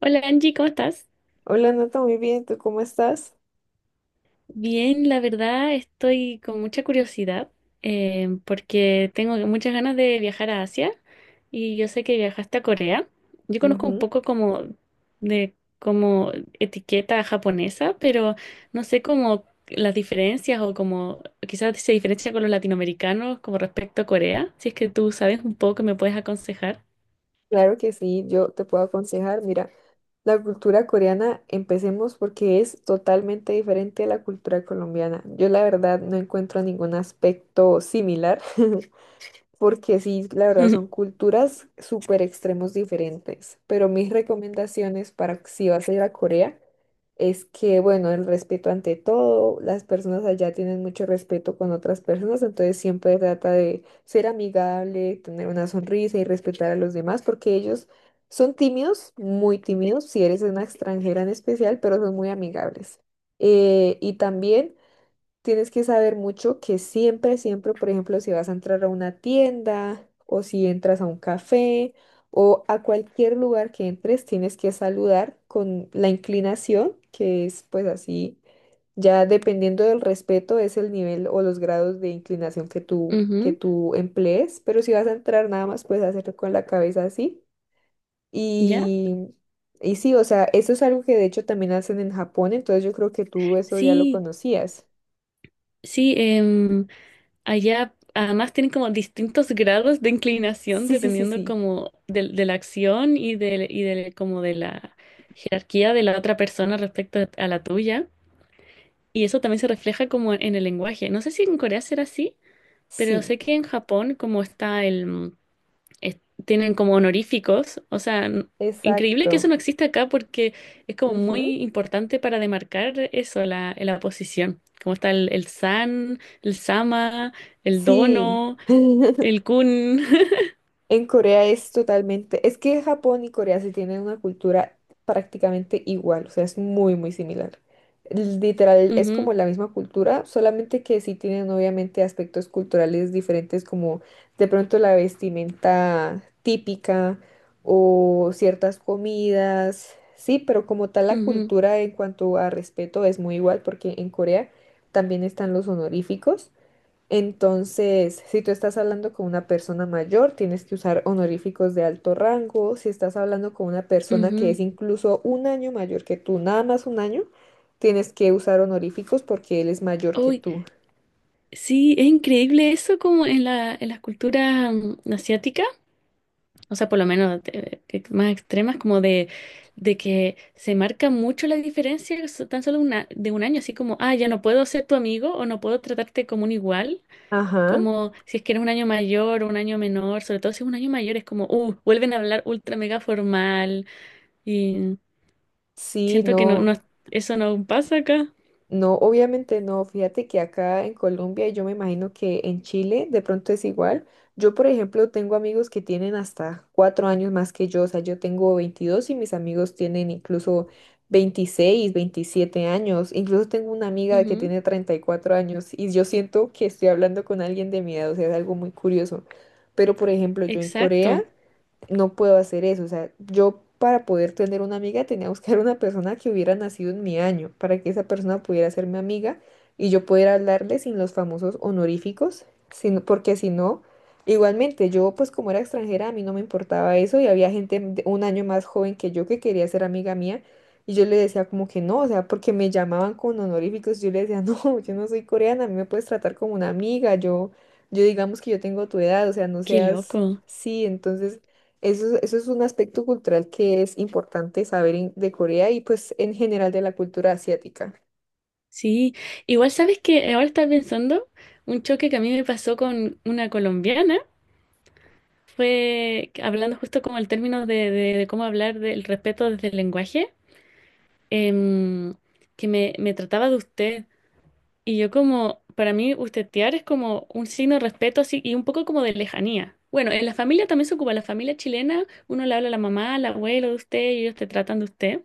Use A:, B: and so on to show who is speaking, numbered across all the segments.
A: Hola Angie, ¿cómo estás?
B: Hola, Nata, muy bien, ¿tú cómo estás?
A: Bien, la verdad estoy con mucha curiosidad porque tengo muchas ganas de viajar a Asia y yo sé que viajaste a Corea. Yo conozco un
B: Ujú.
A: poco como etiqueta japonesa, pero no sé cómo las diferencias o como quizás se diferencia con los latinoamericanos como respecto a Corea. Si es que tú sabes un poco, me puedes aconsejar.
B: Claro que sí, yo te puedo aconsejar. Mira, la cultura coreana, empecemos porque es totalmente diferente a la cultura colombiana. Yo la verdad no encuentro ningún aspecto similar. Porque sí, la verdad son culturas súper extremos diferentes. Pero mis recomendaciones para si vas a ir a Corea es que, bueno, el respeto ante todo, las personas allá tienen mucho respeto con otras personas, entonces siempre trata de ser amigable, tener una sonrisa y respetar a los demás, porque ellos son tímidos, muy tímidos, si eres una extranjera en especial, pero son muy amigables. Y también... Tienes que saber mucho que siempre, siempre, por ejemplo, si vas a entrar a una tienda o si entras a un café o a cualquier lugar que entres, tienes que saludar con la inclinación, que es pues así, ya dependiendo del respeto es el nivel o los grados de inclinación que tú, que
A: Ujú.
B: tú emplees, pero si vas a entrar nada más puedes hacerlo con la cabeza así
A: ¿Ya?
B: y... Y sí, o sea, eso es algo que de hecho también hacen en Japón, entonces yo creo que tú eso ya lo
A: Sí,
B: conocías.
A: sí. Allá además tienen como distintos grados de inclinación
B: Sí, sí, sí,
A: dependiendo
B: sí.
A: como de la acción y como de la jerarquía de la otra persona respecto a la tuya. Y eso también se refleja como en el lenguaje. No sé si en Corea será así, pero sé
B: Sí,
A: que en Japón como está el tienen como honoríficos. O sea, increíble que eso
B: exacto.
A: no existe acá porque es como
B: Ujú.
A: muy importante para demarcar eso, la posición. Como está el san, el sama, el
B: Sí.
A: dono. El Kun.
B: En Corea es totalmente, es que Japón y Corea se tienen una cultura prácticamente igual, o sea, es muy, muy similar. Literal, es como
A: Ujú,
B: la misma cultura, solamente que sí tienen obviamente aspectos culturales diferentes, como de pronto la vestimenta típica o ciertas comidas, sí, pero como tal la
A: ujú,
B: cultura en cuanto a respeto es muy igual, porque en Corea también están los honoríficos. Entonces, si tú estás hablando con una persona mayor, tienes que usar honoríficos de alto rango. Si estás hablando con una persona que es
A: ujú.
B: incluso un año mayor que tú, nada más un año, tienes que usar honoríficos porque él es mayor que
A: Uy,
B: tú.
A: sí, es increíble eso como en en las culturas asiáticas, o sea, por lo menos que más extremas, de que se marca mucho la diferencia tan solo una, de un año, así como, ah, ya no puedo ser tu amigo o no puedo tratarte como un igual,
B: Ajá.
A: como si es que eres un año mayor o un año menor, sobre todo si es un año mayor, es como, vuelven a hablar ultra mega formal y
B: Sí,
A: siento que
B: no.
A: no, eso no pasa acá.
B: No, obviamente no. Fíjate que acá en Colombia y yo me imagino que en Chile de pronto es igual. Yo, por ejemplo, tengo amigos que tienen hasta 4 años más que yo. O sea, yo tengo 22 y mis amigos tienen incluso 26, 27 años. Incluso tengo una amiga que tiene 34 años y yo siento que estoy hablando con alguien de mi edad. O sea, es algo muy curioso. Pero, por ejemplo, yo en Corea
A: Exacto,
B: no puedo hacer eso. O sea, yo para poder tener una amiga tenía que buscar una persona que hubiera nacido en mi año, para que esa persona pudiera ser mi amiga y yo pudiera hablarle sin los famosos honoríficos, sino, porque si no, igualmente yo pues como era extranjera a mí no me importaba eso y había gente de un año más joven que yo que quería ser amiga mía. Y yo le decía como que no, o sea, porque me llamaban con honoríficos, yo le decía, no, yo no soy coreana, a mí me puedes tratar como una amiga, yo digamos que yo tengo tu edad, o sea, no
A: qué
B: seas,
A: loco.
B: sí, entonces eso es un aspecto cultural que es importante saber de Corea y pues en general de la cultura asiática.
A: Sí, igual sabes que ahora estás pensando, un choque que a mí me pasó con una colombiana fue que hablando justo como el término de cómo hablar del respeto desde el lenguaje, em, que me trataba de usted. Y yo como, para mí, ustedear es como un signo de respeto así y un poco como de lejanía. Bueno, en la familia también se ocupa, la familia chilena, uno le habla a la mamá, al abuelo de usted y ellos te tratan de usted.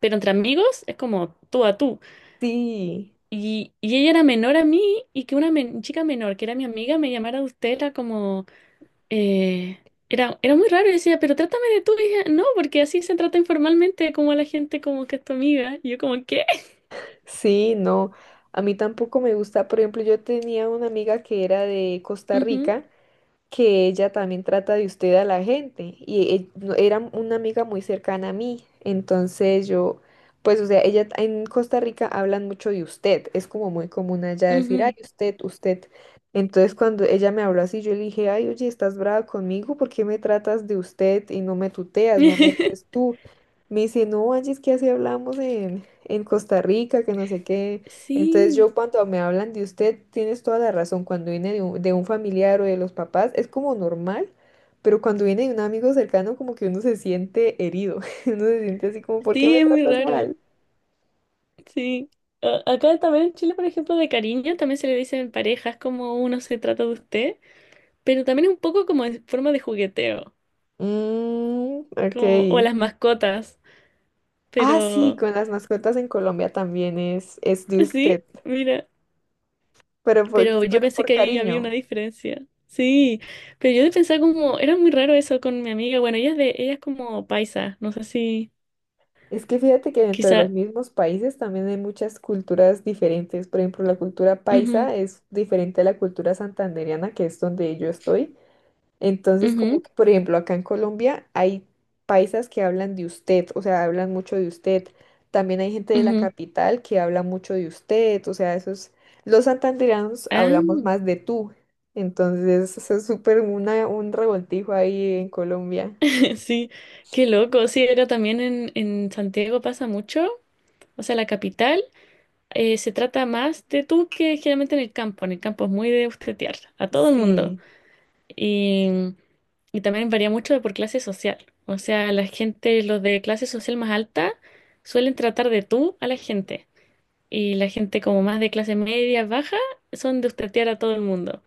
A: Pero entre amigos es como tú a tú.
B: Sí,
A: Y ella era menor a mí y que una chica menor, que era mi amiga, me llamara usted, era como... eh, era muy raro, yo decía, pero trátame de tú, y ella, no, porque así se trata informalmente como a la gente como que es tu amiga. Y yo como, ¿qué?
B: sí, no. A mí tampoco me gusta. Por ejemplo, yo tenía una amiga que era de Costa
A: Ujú,
B: Rica. Que ella también trata de usted a la gente y era una amiga muy cercana a mí. Entonces yo, pues o sea, ella en Costa Rica hablan mucho de usted, es como muy común allá decir, ay,
A: ujú.
B: usted, usted. Entonces cuando ella me habló así, yo le dije, ay, oye, estás brava conmigo, ¿por qué me tratas de usted y no me tuteas, no me dices tú? Me dice, no, Angie, es que así hablamos en Costa Rica, que no sé qué. Entonces
A: Sí,
B: yo cuando me hablan de usted, tienes toda la razón, cuando viene de un familiar o de los papás es como normal, pero cuando viene de un amigo cercano como que uno se siente herido, uno se siente así como, ¿por qué
A: sí,
B: me
A: es muy
B: tratas
A: raro,
B: mal?
A: sí. Acá también en Chile, por ejemplo, de cariño, también se le dice en parejas como uno se trata de usted, pero también es un poco como en forma de jugueteo,
B: Mm, ok.
A: como, o a las mascotas,
B: Ah, sí,
A: pero...
B: con las mascotas en Colombia también es de
A: Sí,
B: usted,
A: mira.
B: pero
A: Pero
B: por,
A: yo
B: pero
A: pensé
B: por
A: que ahí había una
B: cariño.
A: diferencia. Sí, pero yo pensaba como, era muy raro eso con mi amiga. Bueno, ella es de, ella es como paisa, no sé si
B: Es que fíjate que dentro de los
A: quizá.
B: mismos países también hay muchas culturas diferentes. Por ejemplo, la cultura
A: Ujú,
B: paisa es diferente a la cultura santandereana, que es donde yo estoy. Entonces, como
A: ujú,
B: que, por ejemplo, acá en Colombia hay paisas que hablan de usted, o sea, hablan mucho de usted. También hay gente de la
A: ujú.
B: capital que habla mucho de usted, o sea, esos, los santandereanos hablamos
A: Ah,
B: más de tú. Entonces, eso es súper una, un revoltijo ahí en Colombia.
A: sí, qué loco. Sí, era también en Santiago pasa mucho. O sea, la capital se trata más de tú que generalmente en el campo. En el campo es muy de ustedear a todo el mundo.
B: Sí,
A: Y, y también varía mucho de por clase social. O sea, la gente, los de clase social más alta, suelen tratar de tú a la gente. Y la gente como más de clase media, baja, son de ustedear a todo el mundo.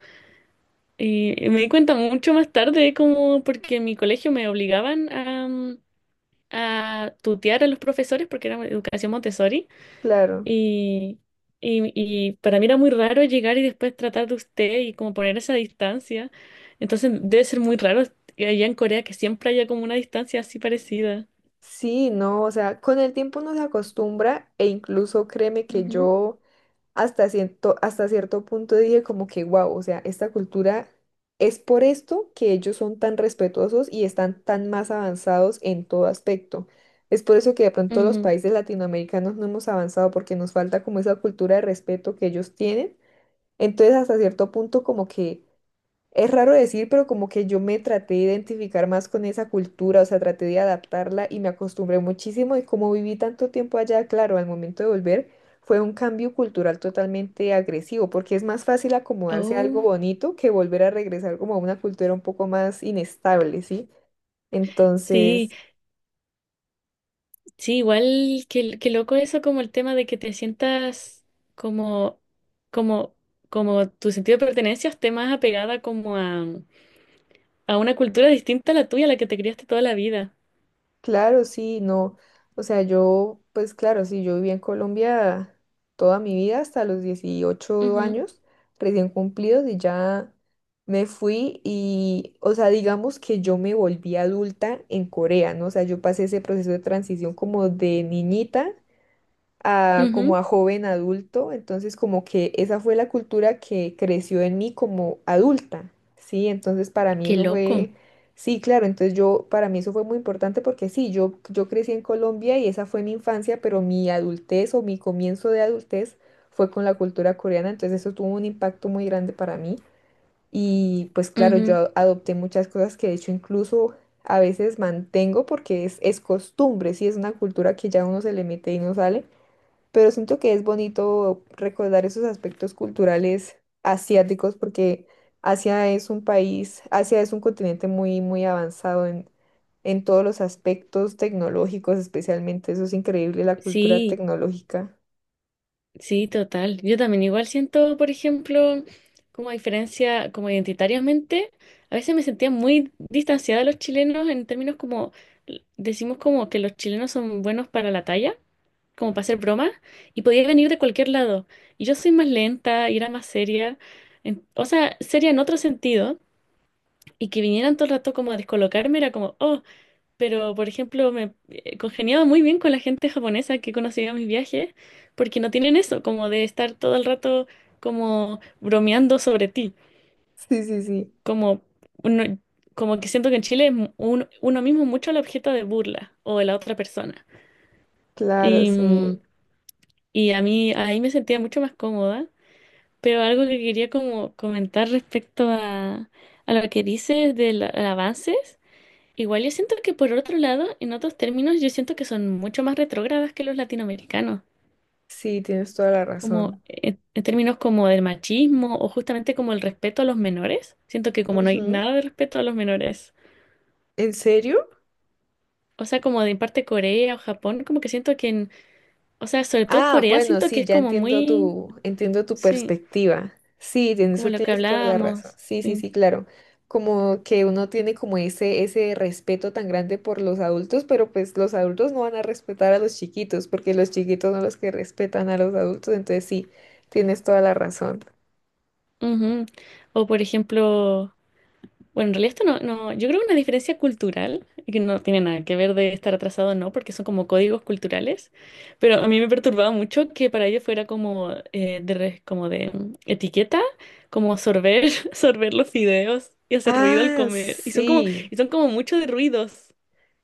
A: Y me di cuenta mucho más tarde, como porque en mi colegio me obligaban a a tutear a los profesores porque era educación Montessori.
B: claro.
A: Y, y para mí era muy raro llegar y después tratar de usted y como poner esa distancia. Entonces debe ser muy raro que allá en Corea que siempre haya como una distancia así parecida.
B: Sí, no, o sea, con el tiempo uno se acostumbra e incluso créeme que
A: Ujú,
B: yo hasta cierto punto dije como que, wow, o sea, esta cultura es por esto que ellos son tan respetuosos y están tan más avanzados en todo aspecto. Es por eso que de pronto los
A: ujú.
B: países latinoamericanos no hemos avanzado porque nos falta como esa cultura de respeto que ellos tienen. Entonces, hasta cierto punto como que es raro decir, pero como que yo me traté de identificar más con esa cultura, o sea, traté de adaptarla y me acostumbré muchísimo y como viví tanto tiempo allá, claro, al momento de volver fue un cambio cultural totalmente agresivo, porque es más fácil acomodarse a algo
A: Oh,
B: bonito que volver a regresar como a una cultura un poco más inestable, ¿sí?
A: sí,
B: Entonces,
A: sí, igual que loco eso como el tema de que te sientas como, como, como tu sentido de pertenencia esté más apegada a una cultura distinta a la tuya, a la que te criaste toda la vida.
B: claro, sí, no. O sea, yo, pues claro, sí, yo viví en Colombia toda mi vida hasta los 18 años, recién cumplidos, y ya me fui y, o sea, digamos que yo me volví adulta en Corea, ¿no? O sea, yo pasé ese proceso de transición como de niñita
A: Ujú,
B: a,
A: ujú.
B: como a joven adulto, entonces como que esa fue la cultura que creció en mí como adulta, ¿sí? Entonces para mí
A: Qué
B: eso
A: loco.
B: fue, sí, claro, entonces yo, para mí eso fue muy importante porque sí, yo crecí en Colombia y esa fue mi infancia, pero mi adultez o mi comienzo de adultez fue con la cultura coreana, entonces eso tuvo un impacto muy grande para mí y pues claro, yo
A: Ujú.
B: adopté muchas cosas que de hecho incluso... A veces mantengo porque es costumbre, sí, es una cultura que ya uno se le mete y no sale pero siento que es bonito recordar esos aspectos culturales asiáticos porque Asia es un país, Asia es un continente muy, muy avanzado en todos los aspectos tecnológicos, especialmente. Eso es increíble, la cultura
A: Sí.
B: tecnológica.
A: Sí, total. Yo también igual siento, por ejemplo, como diferencia, como identitariamente, a veces me sentía muy distanciada de los chilenos en términos como, decimos como que los chilenos son buenos para la talla, como para hacer bromas, y podía venir de cualquier lado. Y yo soy más lenta y era más seria, o sea, seria en otro sentido, y que vinieran todo el rato como a descolocarme era como, oh, pero, por ejemplo, me congeniaba muy bien con la gente japonesa que conocía en mis viajes, porque no tienen eso, como de estar todo el rato como bromeando sobre ti,
B: Sí, sí, sí,
A: como, uno- como que siento que en Chile es uno mismo mucho el objeto de burla o de la otra persona.
B: claro,
A: Y
B: sí,
A: y a mí ahí me sentía mucho más cómoda, pero algo que quería como comentar respecto a lo que dices de los avances. Igual yo siento que por otro lado, en otros términos, yo siento que son mucho más retrógradas que los latinoamericanos,
B: sí, tienes toda la
A: como
B: razón.
A: en términos como del machismo o justamente como el respeto a los menores. Siento que como no hay
B: Ujú.
A: nada de respeto a los menores.
B: ¿En serio?
A: O sea, como de parte Corea o Japón, como que siento que en, o sea, sobre todo
B: Ah,
A: Corea,
B: bueno,
A: siento que
B: sí,
A: es
B: ya
A: como
B: entiendo
A: muy,
B: tu
A: sí,
B: perspectiva. Sí, en
A: como
B: eso
A: lo que
B: tienes toda la razón.
A: hablábamos,
B: Sí, sí,
A: sí.
B: sí, claro. Como que uno tiene como ese respeto tan grande por los adultos, pero pues los adultos no van a respetar a los chiquitos, porque los chiquitos son los que respetan a los adultos, entonces sí, tienes toda la razón.
A: Ujú. O por ejemplo, bueno, en realidad esto no, yo creo que una diferencia cultural, y que no tiene nada que ver de estar atrasado o no, porque son como códigos culturales, pero a mí me perturbaba mucho que para ellos fuera como como de etiqueta, como sorber, sorber los fideos y hacer ruido al
B: Ah,
A: comer,
B: sí.
A: y son como mucho de ruidos.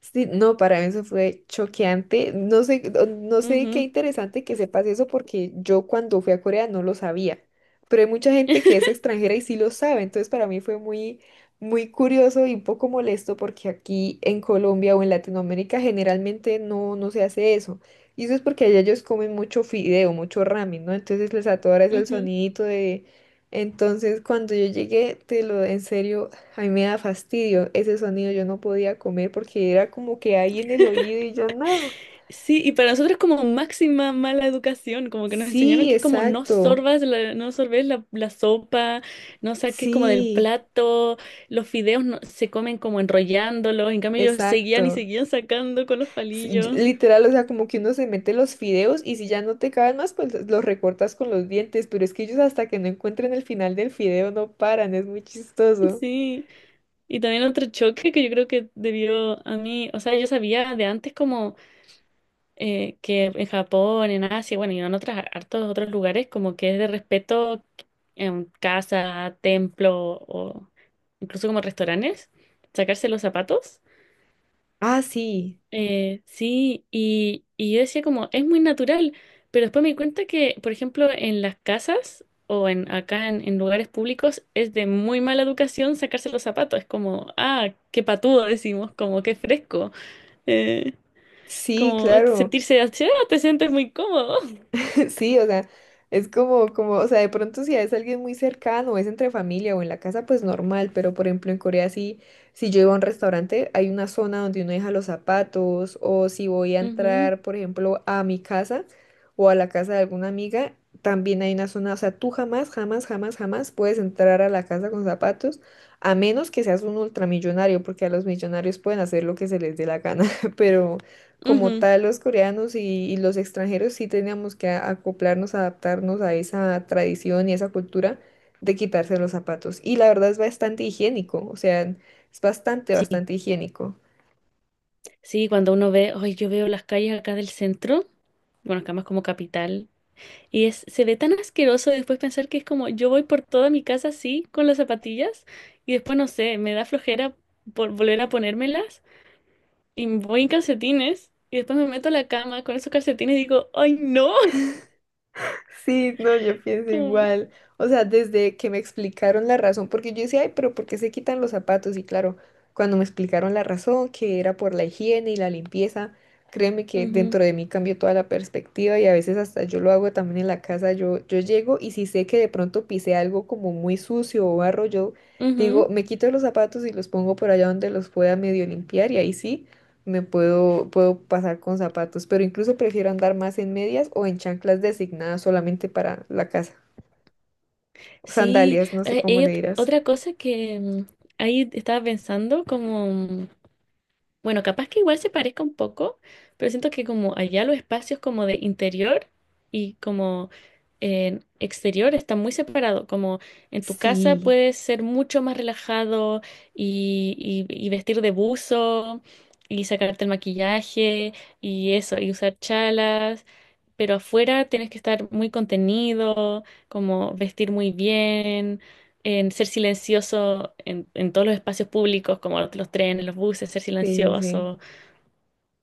B: Sí, no, para mí eso fue choqueante. No sé, no sé qué
A: Ujú,
B: interesante que sepas eso porque yo cuando fui a Corea no lo sabía, pero hay mucha gente que es extranjera y sí lo sabe, entonces para mí fue muy, muy curioso y un poco molesto porque aquí en Colombia o en Latinoamérica generalmente no, no se hace eso. Y eso es porque allá ellos comen mucho fideo, mucho ramen, ¿no? Entonces les atoras el
A: ujú.
B: sonidito de... Entonces cuando yo llegué, te lo en serio. A mí me da fastidio ese sonido, yo no podía comer porque era como que ahí en el oído y yo no.
A: Sí, y para nosotros es como máxima mala educación, como que nos enseñaron
B: Sí,
A: que es como no
B: exacto.
A: sorbas, no sorbes la sopa, no saques como del
B: Sí,
A: plato, los fideos se comen como enrollándolos, en cambio ellos seguían y
B: exacto.
A: seguían sacando con los
B: Sí, yo-
A: palillos.
B: literal, o sea, como que uno se mete los fideos y si ya no te caben más, pues los recortas con los dientes, pero es que ellos hasta que no encuentren el final del fideo no paran, es muy chistoso.
A: Sí, y también otro choque que yo creo que debió a mí, o sea, yo sabía de antes como que en Japón, en Asia, bueno, y en otros hartos otros lugares, como que es de respeto en casa, templo o incluso como restaurantes, sacarse los zapatos.
B: Ah, sí,
A: Sí, y yo decía como, es muy natural, pero después me di cuenta que, por ejemplo, en las casas o en acá en lugares públicos es de muy mala educación sacarse los zapatos, es como, ah, qué patudo decimos, como qué fresco, eh,
B: sí,
A: como
B: claro.
A: sentirse así, ah, te sientes muy cómodo.
B: Sí, o sea, es como, como, o sea, de pronto si es alguien muy cercano, es entre familia o en la casa, pues normal, pero por ejemplo en Corea sí, si yo iba a un restaurante, hay una zona donde uno deja los zapatos, o si voy a
A: Ujú,
B: entrar, por ejemplo, a mi casa o a la casa de alguna amiga, también hay una zona, o sea, tú jamás, jamás, jamás, jamás puedes entrar a la casa con zapatos, a menos que seas un ultramillonario, porque a los millonarios pueden hacer lo que se les dé la gana, pero como
A: ujú.
B: tal los coreanos y los extranjeros sí teníamos que acoplarnos, adaptarnos a esa tradición y esa cultura de quitarse los zapatos. Y la verdad es bastante higiénico, o sea, es bastante,
A: Sí,
B: bastante higiénico.
A: sí, cuando uno ve, hoy yo veo las calles acá del centro, bueno, acá más como capital, y es, se ve tan asqueroso después pensar que es como yo voy por toda mi casa así, con las zapatillas, y después no sé, me da flojera por volver a ponérmelas, y voy en calcetines, y después me meto a la cama con esos calcetines y digo, ¡ay no!
B: Sí, no, yo pienso
A: Como,
B: igual. O sea, desde que me explicaron la razón, porque yo decía, ay, pero ¿por qué se quitan los zapatos? Y claro, cuando me explicaron la razón, que era por la higiene y la limpieza, créeme que
A: ujú,
B: dentro de mí cambió toda la perspectiva y a veces hasta yo lo hago también en la casa. Yo llego y si sé que de pronto pisé algo como muy sucio o barro, yo digo,
A: ujú.
B: me quito los zapatos y los pongo por allá donde los pueda medio limpiar y ahí sí. Me puedo pasar con zapatos, pero incluso prefiero andar más en medias o en chanclas designadas solamente para la casa.
A: Sí,
B: Sandalias, no sé cómo
A: y
B: le dirás.
A: otra cosa que ahí estaba pensando, bueno, capaz que igual se parezca un poco, pero siento que como allá los espacios como de interior y como en exterior están muy separados. Como en tu casa
B: Sí,
A: puedes ser mucho más relajado y vestir de buzo y sacarte el maquillaje y eso, y usar chalas, pero afuera tienes que estar muy contenido, como vestir muy bien en ser silencioso en todos los espacios públicos, como los trenes, los buses, ser
B: sí, sí, sí.
A: silencioso.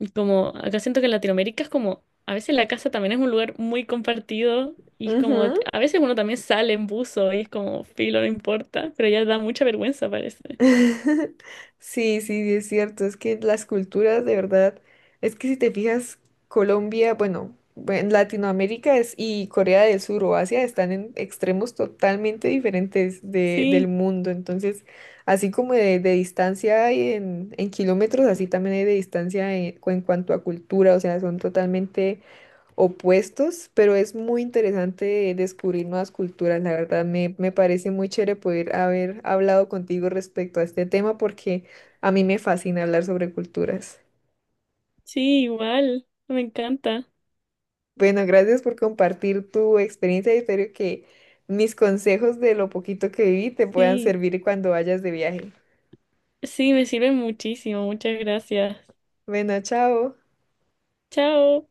A: Y como acá siento que en Latinoamérica es como, a veces la casa también es un lugar muy compartido y es como,
B: Ujú.
A: a veces uno también sale en buzo y es como, filo, no importa, pero ya da mucha vergüenza, parece.
B: Sí, sí, es cierto, es que las culturas de verdad, es que si te fijas, Colombia, bueno, en Latinoamérica y Corea del Sur o Asia están en extremos totalmente diferentes del
A: Sí,
B: mundo, entonces, así como de distancia hay en kilómetros, así también hay de distancia en cuanto a cultura, o sea, son totalmente opuestos, pero es muy interesante descubrir nuevas culturas. La verdad, me parece muy chévere poder haber hablado contigo respecto a este tema porque a mí me fascina hablar sobre culturas.
A: sí, igual, me encanta.
B: Bueno, gracias por compartir tu experiencia y espero que mis consejos de lo poquito que viví te puedan
A: Sí,
B: servir cuando vayas de viaje.
A: sí, me sirve muchísimo, muchas gracias.
B: Bueno, chao.
A: Chao.